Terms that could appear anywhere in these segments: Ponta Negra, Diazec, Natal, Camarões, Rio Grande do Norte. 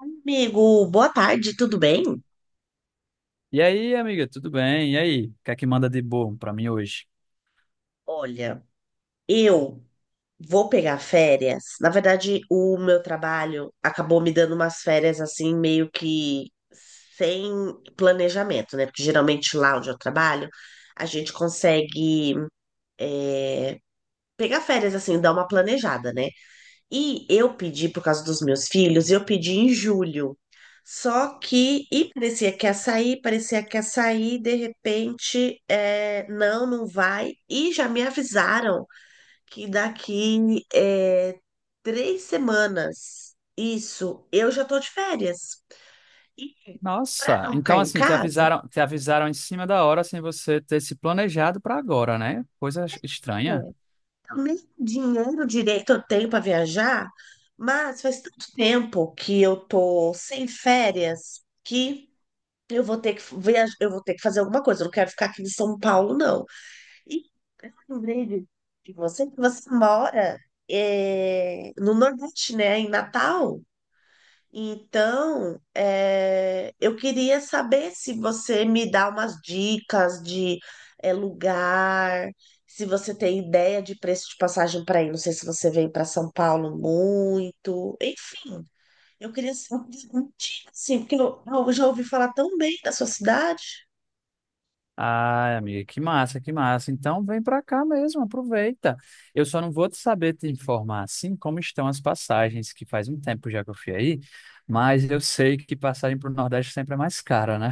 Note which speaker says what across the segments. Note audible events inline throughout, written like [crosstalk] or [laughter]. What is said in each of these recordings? Speaker 1: Amigo, boa tarde, tudo bem?
Speaker 2: E aí, amiga, tudo bem? E aí, o que é que manda de bom pra mim hoje?
Speaker 1: Olha, eu vou pegar férias. Na verdade, o meu trabalho acabou me dando umas férias assim, meio que sem planejamento, né? Porque geralmente lá onde eu trabalho, a gente consegue pegar férias assim, dar uma planejada, né? E eu pedi, por causa dos meus filhos, eu pedi em julho. Só que, e parecia que ia sair, parecia que ia sair, de repente, não, não vai. E já me avisaram que daqui 3 semanas, isso, eu já tô de férias. E para
Speaker 2: Nossa,
Speaker 1: não ficar
Speaker 2: então
Speaker 1: em
Speaker 2: assim,
Speaker 1: casa,
Speaker 2: te avisaram em cima da hora sem você ter se planejado pra agora, né? Coisa
Speaker 1: é,
Speaker 2: estranha.
Speaker 1: eu nem dinheiro direito eu tenho para viajar, mas faz tanto tempo que eu tô sem férias que. Eu vou ter que viajar, eu vou ter que fazer alguma coisa. Eu não quero ficar aqui em São Paulo, não. E eu lembrei de você que você mora no Nordeste, né? Em Natal. Então, eu queria saber se você me dá umas dicas de lugar, se você tem ideia de preço de passagem para ir. Não sei se você vem para São Paulo muito. Enfim, eu queria saber, assim, porque eu já ouvi falar tão bem da sua cidade.
Speaker 2: Ai, amiga, que massa, que massa. Então vem pra cá mesmo, aproveita. Eu só não vou te saber te informar assim como estão as passagens, que faz um tempo já que eu fui aí, mas eu sei que passagem pro Nordeste sempre é mais cara, né?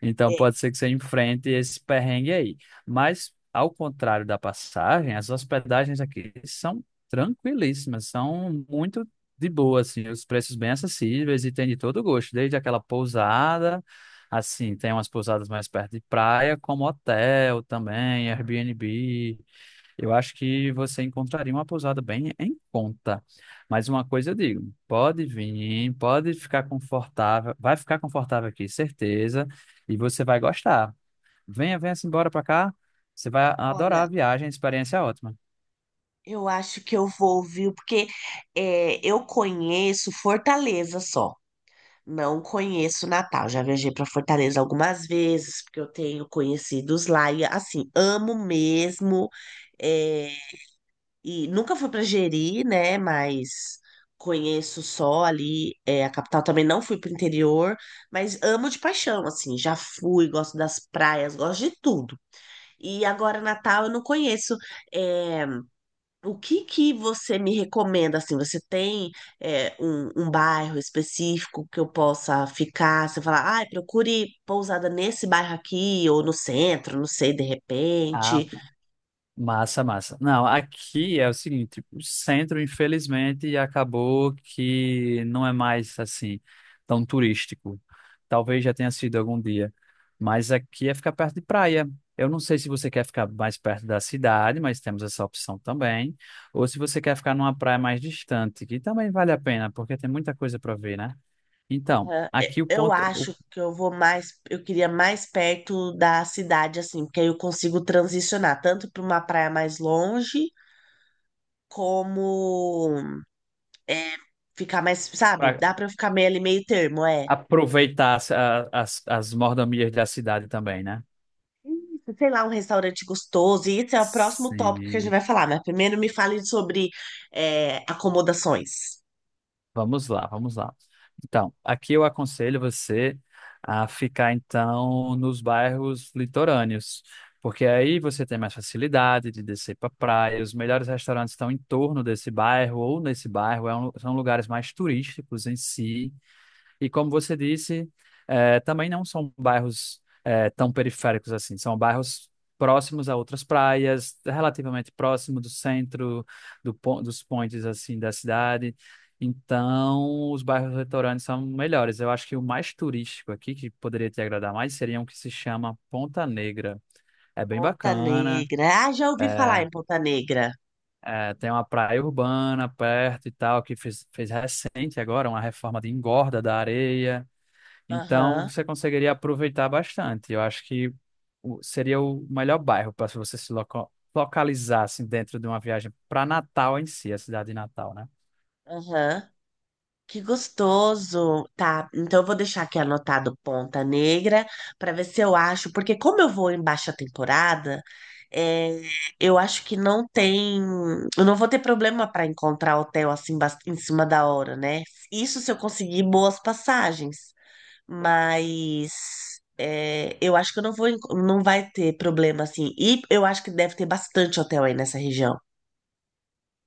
Speaker 2: Então
Speaker 1: É,
Speaker 2: pode ser que você enfrente esse perrengue aí. Mas, ao contrário da passagem, as hospedagens aqui são tranquilíssimas, são muito de boa, assim, os preços bem acessíveis e tem de todo gosto, desde aquela pousada, assim, tem umas pousadas mais perto de praia, como hotel também, Airbnb. Eu acho que você encontraria uma pousada bem em conta. Mas uma coisa eu digo, pode vir, pode ficar confortável, vai ficar confortável aqui, certeza, e você vai gostar. Venha, venha-se embora para cá, você vai adorar
Speaker 1: olha,
Speaker 2: a viagem, a experiência é ótima.
Speaker 1: eu acho que eu vou ouvir, porque eu conheço Fortaleza só. Não conheço Natal. Já viajei para Fortaleza algumas vezes, porque eu tenho conhecidos lá e assim, amo mesmo. é, e nunca fui para Jeri, né? Mas conheço só ali, é, a capital também não fui para o interior, mas amo de paixão, assim, já fui, gosto das praias, gosto de tudo. E agora Natal eu não conheço. é, O que que você me recomenda, assim, você tem um bairro específico que eu possa ficar? Você fala, ah, procure pousada nesse bairro aqui, ou no centro, não sei, de
Speaker 2: Ah,
Speaker 1: repente.
Speaker 2: massa, massa. Não, aqui é o seguinte, o centro, infelizmente, acabou que não é mais assim tão turístico. Talvez já tenha sido algum dia, mas aqui é ficar perto de praia. Eu não sei se você quer ficar mais perto da cidade, mas temos essa opção também, ou se você quer ficar numa praia mais distante, que também vale a pena, porque tem muita coisa para ver, né? Então,
Speaker 1: Ah,
Speaker 2: aqui
Speaker 1: é,
Speaker 2: o
Speaker 1: eu
Speaker 2: ponto,
Speaker 1: acho que eu vou mais, eu queria mais perto da cidade, assim, porque aí eu consigo transicionar tanto para uma praia mais longe, como é, ficar mais, sabe?
Speaker 2: para
Speaker 1: Dá para eu ficar meio ali, meio termo, é.
Speaker 2: aproveitar as, as mordomias da cidade também, né?
Speaker 1: Isso, sei lá, um restaurante gostoso, e esse é o próximo tópico que a gente
Speaker 2: Sim.
Speaker 1: vai falar, mas primeiro me fale sobre acomodações.
Speaker 2: Vamos lá, vamos lá. Então, aqui eu aconselho você a ficar então nos bairros litorâneos, porque aí você tem mais facilidade de descer para praia, os melhores restaurantes estão em torno desse bairro ou nesse bairro, são lugares mais turísticos em si. E como você disse, também não são bairros tão periféricos assim, são bairros próximos a outras praias, relativamente próximo do centro, do, dos pontes assim da cidade. Então, os bairros litorâneos são melhores. Eu acho que o mais turístico aqui, que poderia te agradar mais, seria um que se chama Ponta Negra. É bem
Speaker 1: Ponta
Speaker 2: bacana.
Speaker 1: Negra. Ah, já ouvi falar
Speaker 2: É,
Speaker 1: em Ponta Negra.
Speaker 2: é, tem uma praia urbana perto e tal, que fez recente agora uma reforma de engorda da areia. Então,
Speaker 1: Aham,
Speaker 2: você conseguiria aproveitar bastante. Eu acho que seria o melhor bairro para se você se localizar assim, dentro de uma viagem para Natal em si, a cidade de Natal, né?
Speaker 1: aham. Que gostoso. Tá, então eu vou deixar aqui anotado Ponta Negra para ver se eu acho, porque como eu vou em baixa temporada, é, eu acho que não tem, eu não vou ter problema para encontrar hotel assim em cima da hora, né? Isso se eu conseguir boas passagens. Mas é, eu acho que eu não vou, não vai ter problema assim. E eu acho que deve ter bastante hotel aí nessa região.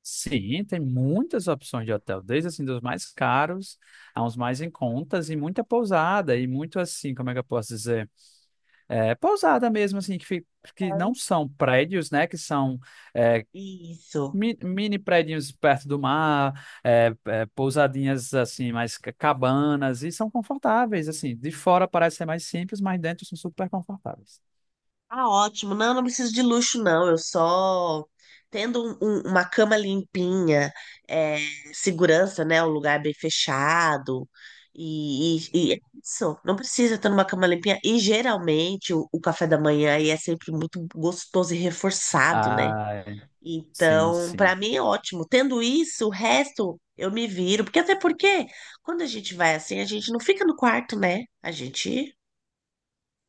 Speaker 2: Sim, tem muitas opções de hotel, desde assim dos mais caros a uns mais em contas e muita pousada e muito assim, como é que eu posso dizer? É, pousada mesmo assim que, que não
Speaker 1: Bom.
Speaker 2: são prédios, né? Que são é,
Speaker 1: Isso.
Speaker 2: mini prédios perto do mar, pousadinhas assim, mais cabanas, e são confortáveis, assim. De fora parece ser mais simples, mas dentro são super confortáveis.
Speaker 1: Ah, ótimo. Não, não preciso de luxo, não. Eu só tendo uma cama limpinha, é, segurança, né? Um lugar bem fechado. E, e é isso. Não precisa ter uma cama limpinha. E geralmente o café da manhã aí é sempre muito gostoso e reforçado, né?
Speaker 2: Ah, sim,
Speaker 1: Então, para
Speaker 2: sim.
Speaker 1: mim é ótimo. Tendo isso, o resto eu me viro, porque até porque quando a gente vai assim, a gente não fica no quarto, né? A gente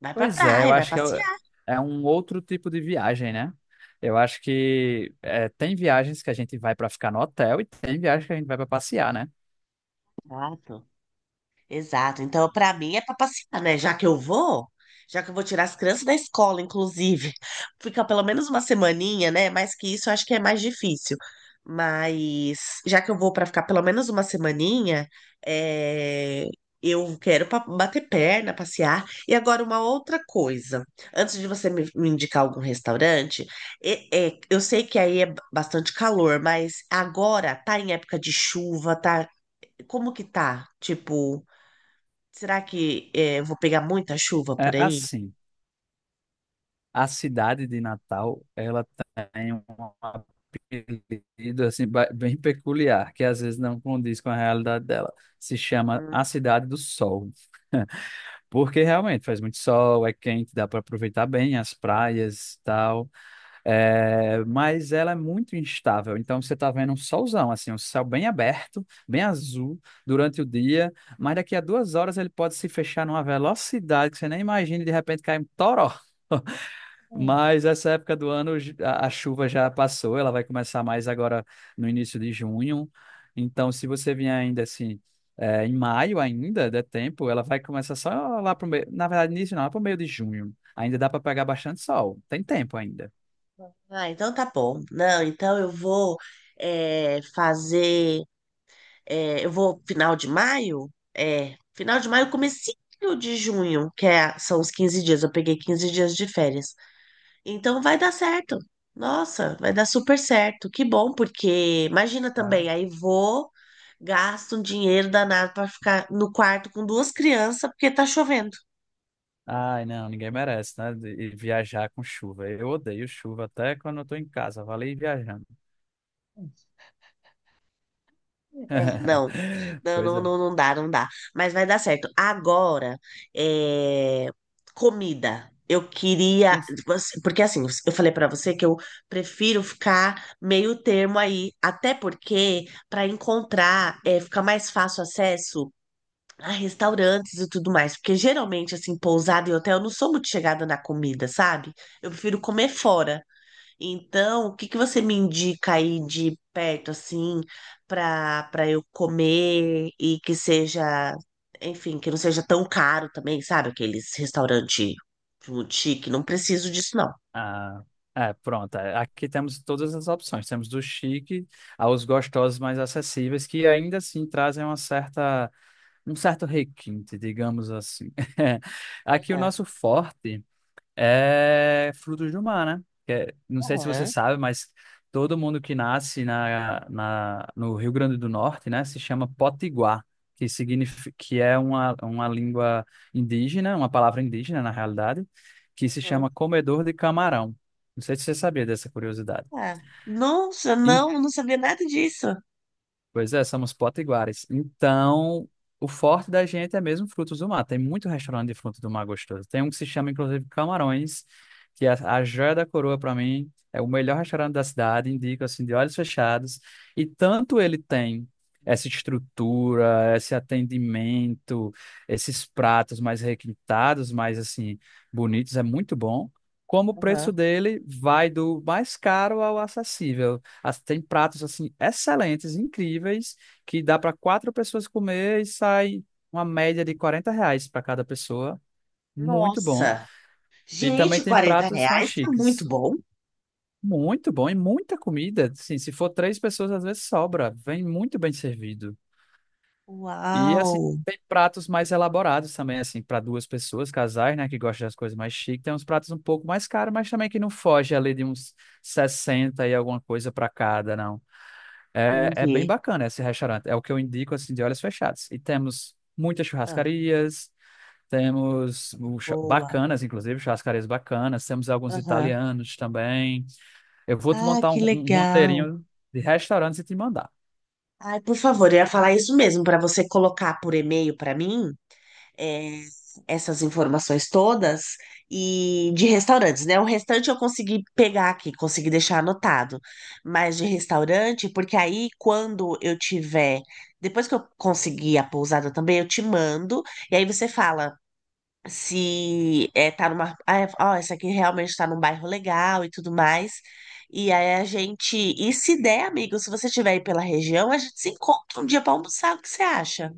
Speaker 1: vai pra
Speaker 2: Pois é, eu
Speaker 1: praia, vai
Speaker 2: acho que
Speaker 1: passear.
Speaker 2: é um outro tipo de viagem, né? Eu acho que é, tem viagens que a gente vai para ficar no hotel e tem viagens que a gente vai para passear, né?
Speaker 1: Exato. Exato. Então, para mim é para passear, né? Já que eu vou tirar as crianças da escola, inclusive, [laughs] fica pelo menos uma semaninha, né? Mais que isso, eu acho que é mais difícil. Mas já que eu vou para ficar pelo menos uma semaninha, é, eu quero bater perna, passear. E agora uma outra coisa. Antes de você me indicar algum restaurante, é, eu sei que aí é bastante calor, mas agora tá em época de chuva, tá? Como que tá? Tipo, será que eu vou pegar muita chuva por
Speaker 2: É
Speaker 1: aí?
Speaker 2: assim. A cidade de Natal, ela tem um apelido assim bem peculiar, que às vezes não condiz com a realidade dela. Se chama a
Speaker 1: Uhum.
Speaker 2: Cidade do Sol. [laughs] Porque realmente faz muito sol, é quente, dá para aproveitar bem as praias e tal. É, mas ela é muito instável. Então você está vendo um solzão, assim, um céu bem aberto, bem azul durante o dia, mas daqui a 2 horas ele pode se fechar numa velocidade que você nem imagina, e de repente cai um toró.
Speaker 1: Hum.
Speaker 2: Mas essa época do ano a chuva já passou, ela vai começar mais agora no início de junho. Então, se você vier ainda assim, em maio ainda, der tempo, ela vai começar só lá pro meio. Na verdade, início não, lá pro meio de junho. Ainda dá para pegar bastante sol. Tem tempo ainda.
Speaker 1: Ah, então tá bom. Não, então eu vou fazer. Eu vou final de maio? É, final de maio, comecinho de junho, que são os 15 dias. Eu peguei 15 dias de férias. Então vai dar certo. Nossa, vai dar super certo. Que bom, porque imagina
Speaker 2: Ah,
Speaker 1: também, aí vou, gasto um dinheiro danado para ficar no quarto com duas crianças, porque tá chovendo.
Speaker 2: ai, não, ninguém merece, né? De viajar com chuva. Eu odeio chuva até quando eu tô em casa. Valeu viajando.
Speaker 1: É, não.
Speaker 2: [laughs]
Speaker 1: Não,
Speaker 2: Pois
Speaker 1: não,
Speaker 2: é.
Speaker 1: não, não dá, não dá. Mas vai dar certo. Agora, é, comida. Eu queria. Porque assim, eu falei pra você que eu prefiro ficar meio termo aí. Até porque, pra encontrar, é, fica mais fácil acesso a restaurantes e tudo mais. Porque geralmente, assim, pousada e hotel, eu não sou muito chegada na comida, sabe? Eu prefiro comer fora. Então, o que que você me indica aí de perto, assim, para eu comer e que seja, enfim, que não seja tão caro também, sabe? Aqueles restaurante muito chique, não preciso disso, não.
Speaker 2: Ah, é, pronto. É, aqui temos todas as opções. Temos do chique aos gostosos mais acessíveis, que ainda assim trazem uma certa, um certo requinte, digamos assim. [laughs] Aqui o
Speaker 1: Aham,
Speaker 2: nosso forte é frutos do mar, né? Não sei se você
Speaker 1: aham,
Speaker 2: sabe, mas todo mundo que nasce no Rio Grande do Norte, né, se chama potiguar, que significa, que é uma língua indígena, uma palavra indígena, na realidade, que se
Speaker 1: aham.
Speaker 2: chama comedor de camarão. Não sei se você sabia dessa curiosidade.
Speaker 1: Ah, nossa, não, eu não sabia nada disso.
Speaker 2: Pois é, somos potiguares. Então, o forte da gente é mesmo frutos do mar. Tem muito restaurante de frutos do mar gostoso. Tem um que se chama, inclusive, Camarões, que é a joia da coroa para mim. É o melhor restaurante da cidade, indico assim, de olhos fechados. E tanto ele tem essa estrutura, esse atendimento, esses pratos mais requintados, mais assim, bonitos, é muito bom. Como o preço
Speaker 1: Aham.
Speaker 2: dele vai do mais caro ao acessível. Tem pratos assim excelentes, incríveis, que dá para quatro pessoas comer e sai uma média de R$ 40 para cada pessoa. Muito bom.
Speaker 1: Nossa,
Speaker 2: E também
Speaker 1: gente,
Speaker 2: tem
Speaker 1: 40
Speaker 2: pratos mais
Speaker 1: reais tá muito
Speaker 2: chiques.
Speaker 1: bom.
Speaker 2: Muito bom e muita comida. Assim, se for três pessoas, às vezes sobra. Vem muito bem servido. E assim,
Speaker 1: Uau,
Speaker 2: tem pratos mais elaborados também, assim, para duas pessoas, casais, né, que gostam das coisas mais chiques. Tem uns pratos um pouco mais caros, mas também que não foge ali de uns 60 e alguma coisa para cada, não. É, é bem
Speaker 1: entendi.
Speaker 2: bacana esse restaurante. É o que eu indico assim de olhos fechados. E temos muitas
Speaker 1: Ah,
Speaker 2: churrascarias,
Speaker 1: boa.
Speaker 2: bacanas, inclusive, churrascarias bacanas, temos alguns
Speaker 1: Aham.
Speaker 2: italianos também. Eu vou te
Speaker 1: Ah,
Speaker 2: montar
Speaker 1: que
Speaker 2: um
Speaker 1: legal.
Speaker 2: roteirinho de restaurantes e te mandar.
Speaker 1: Ai, por favor, eu ia falar isso mesmo, para você colocar por e-mail para mim é, essas informações todas e de restaurantes, né? O restante eu consegui pegar aqui, consegui deixar anotado, mas de restaurante, porque aí quando eu tiver, depois que eu conseguir a pousada também, eu te mando e aí você fala se é, tá numa. Ah, ó, essa aqui realmente tá num bairro legal e tudo mais. E aí a gente. E se der, amigo, se você estiver aí pela região, a gente se encontra um dia pra almoçar. O que você acha?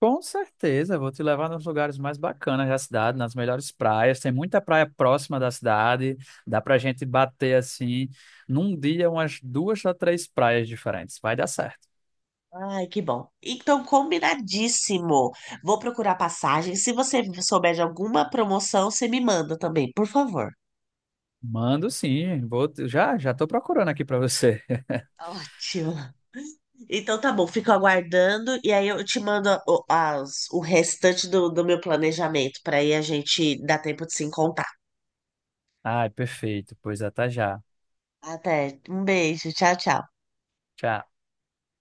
Speaker 2: Com certeza, vou te levar nos lugares mais bacanas da cidade, nas melhores praias. Tem muita praia próxima da cidade. Dá pra gente bater assim, num dia, umas duas a três praias diferentes. Vai dar certo.
Speaker 1: Ai, que bom. Então, combinadíssimo. Vou procurar passagem. Se você souber de alguma promoção, você me manda também, por favor.
Speaker 2: Mando sim, vou já já tô procurando aqui para você. [laughs]
Speaker 1: Ótimo. Então tá bom, fico aguardando e aí eu te mando o restante do meu planejamento para aí a gente dar tempo de se encontrar.
Speaker 2: Ai, perfeito, pois até já.
Speaker 1: Até. Um beijo. Tchau, tchau.
Speaker 2: Tchau.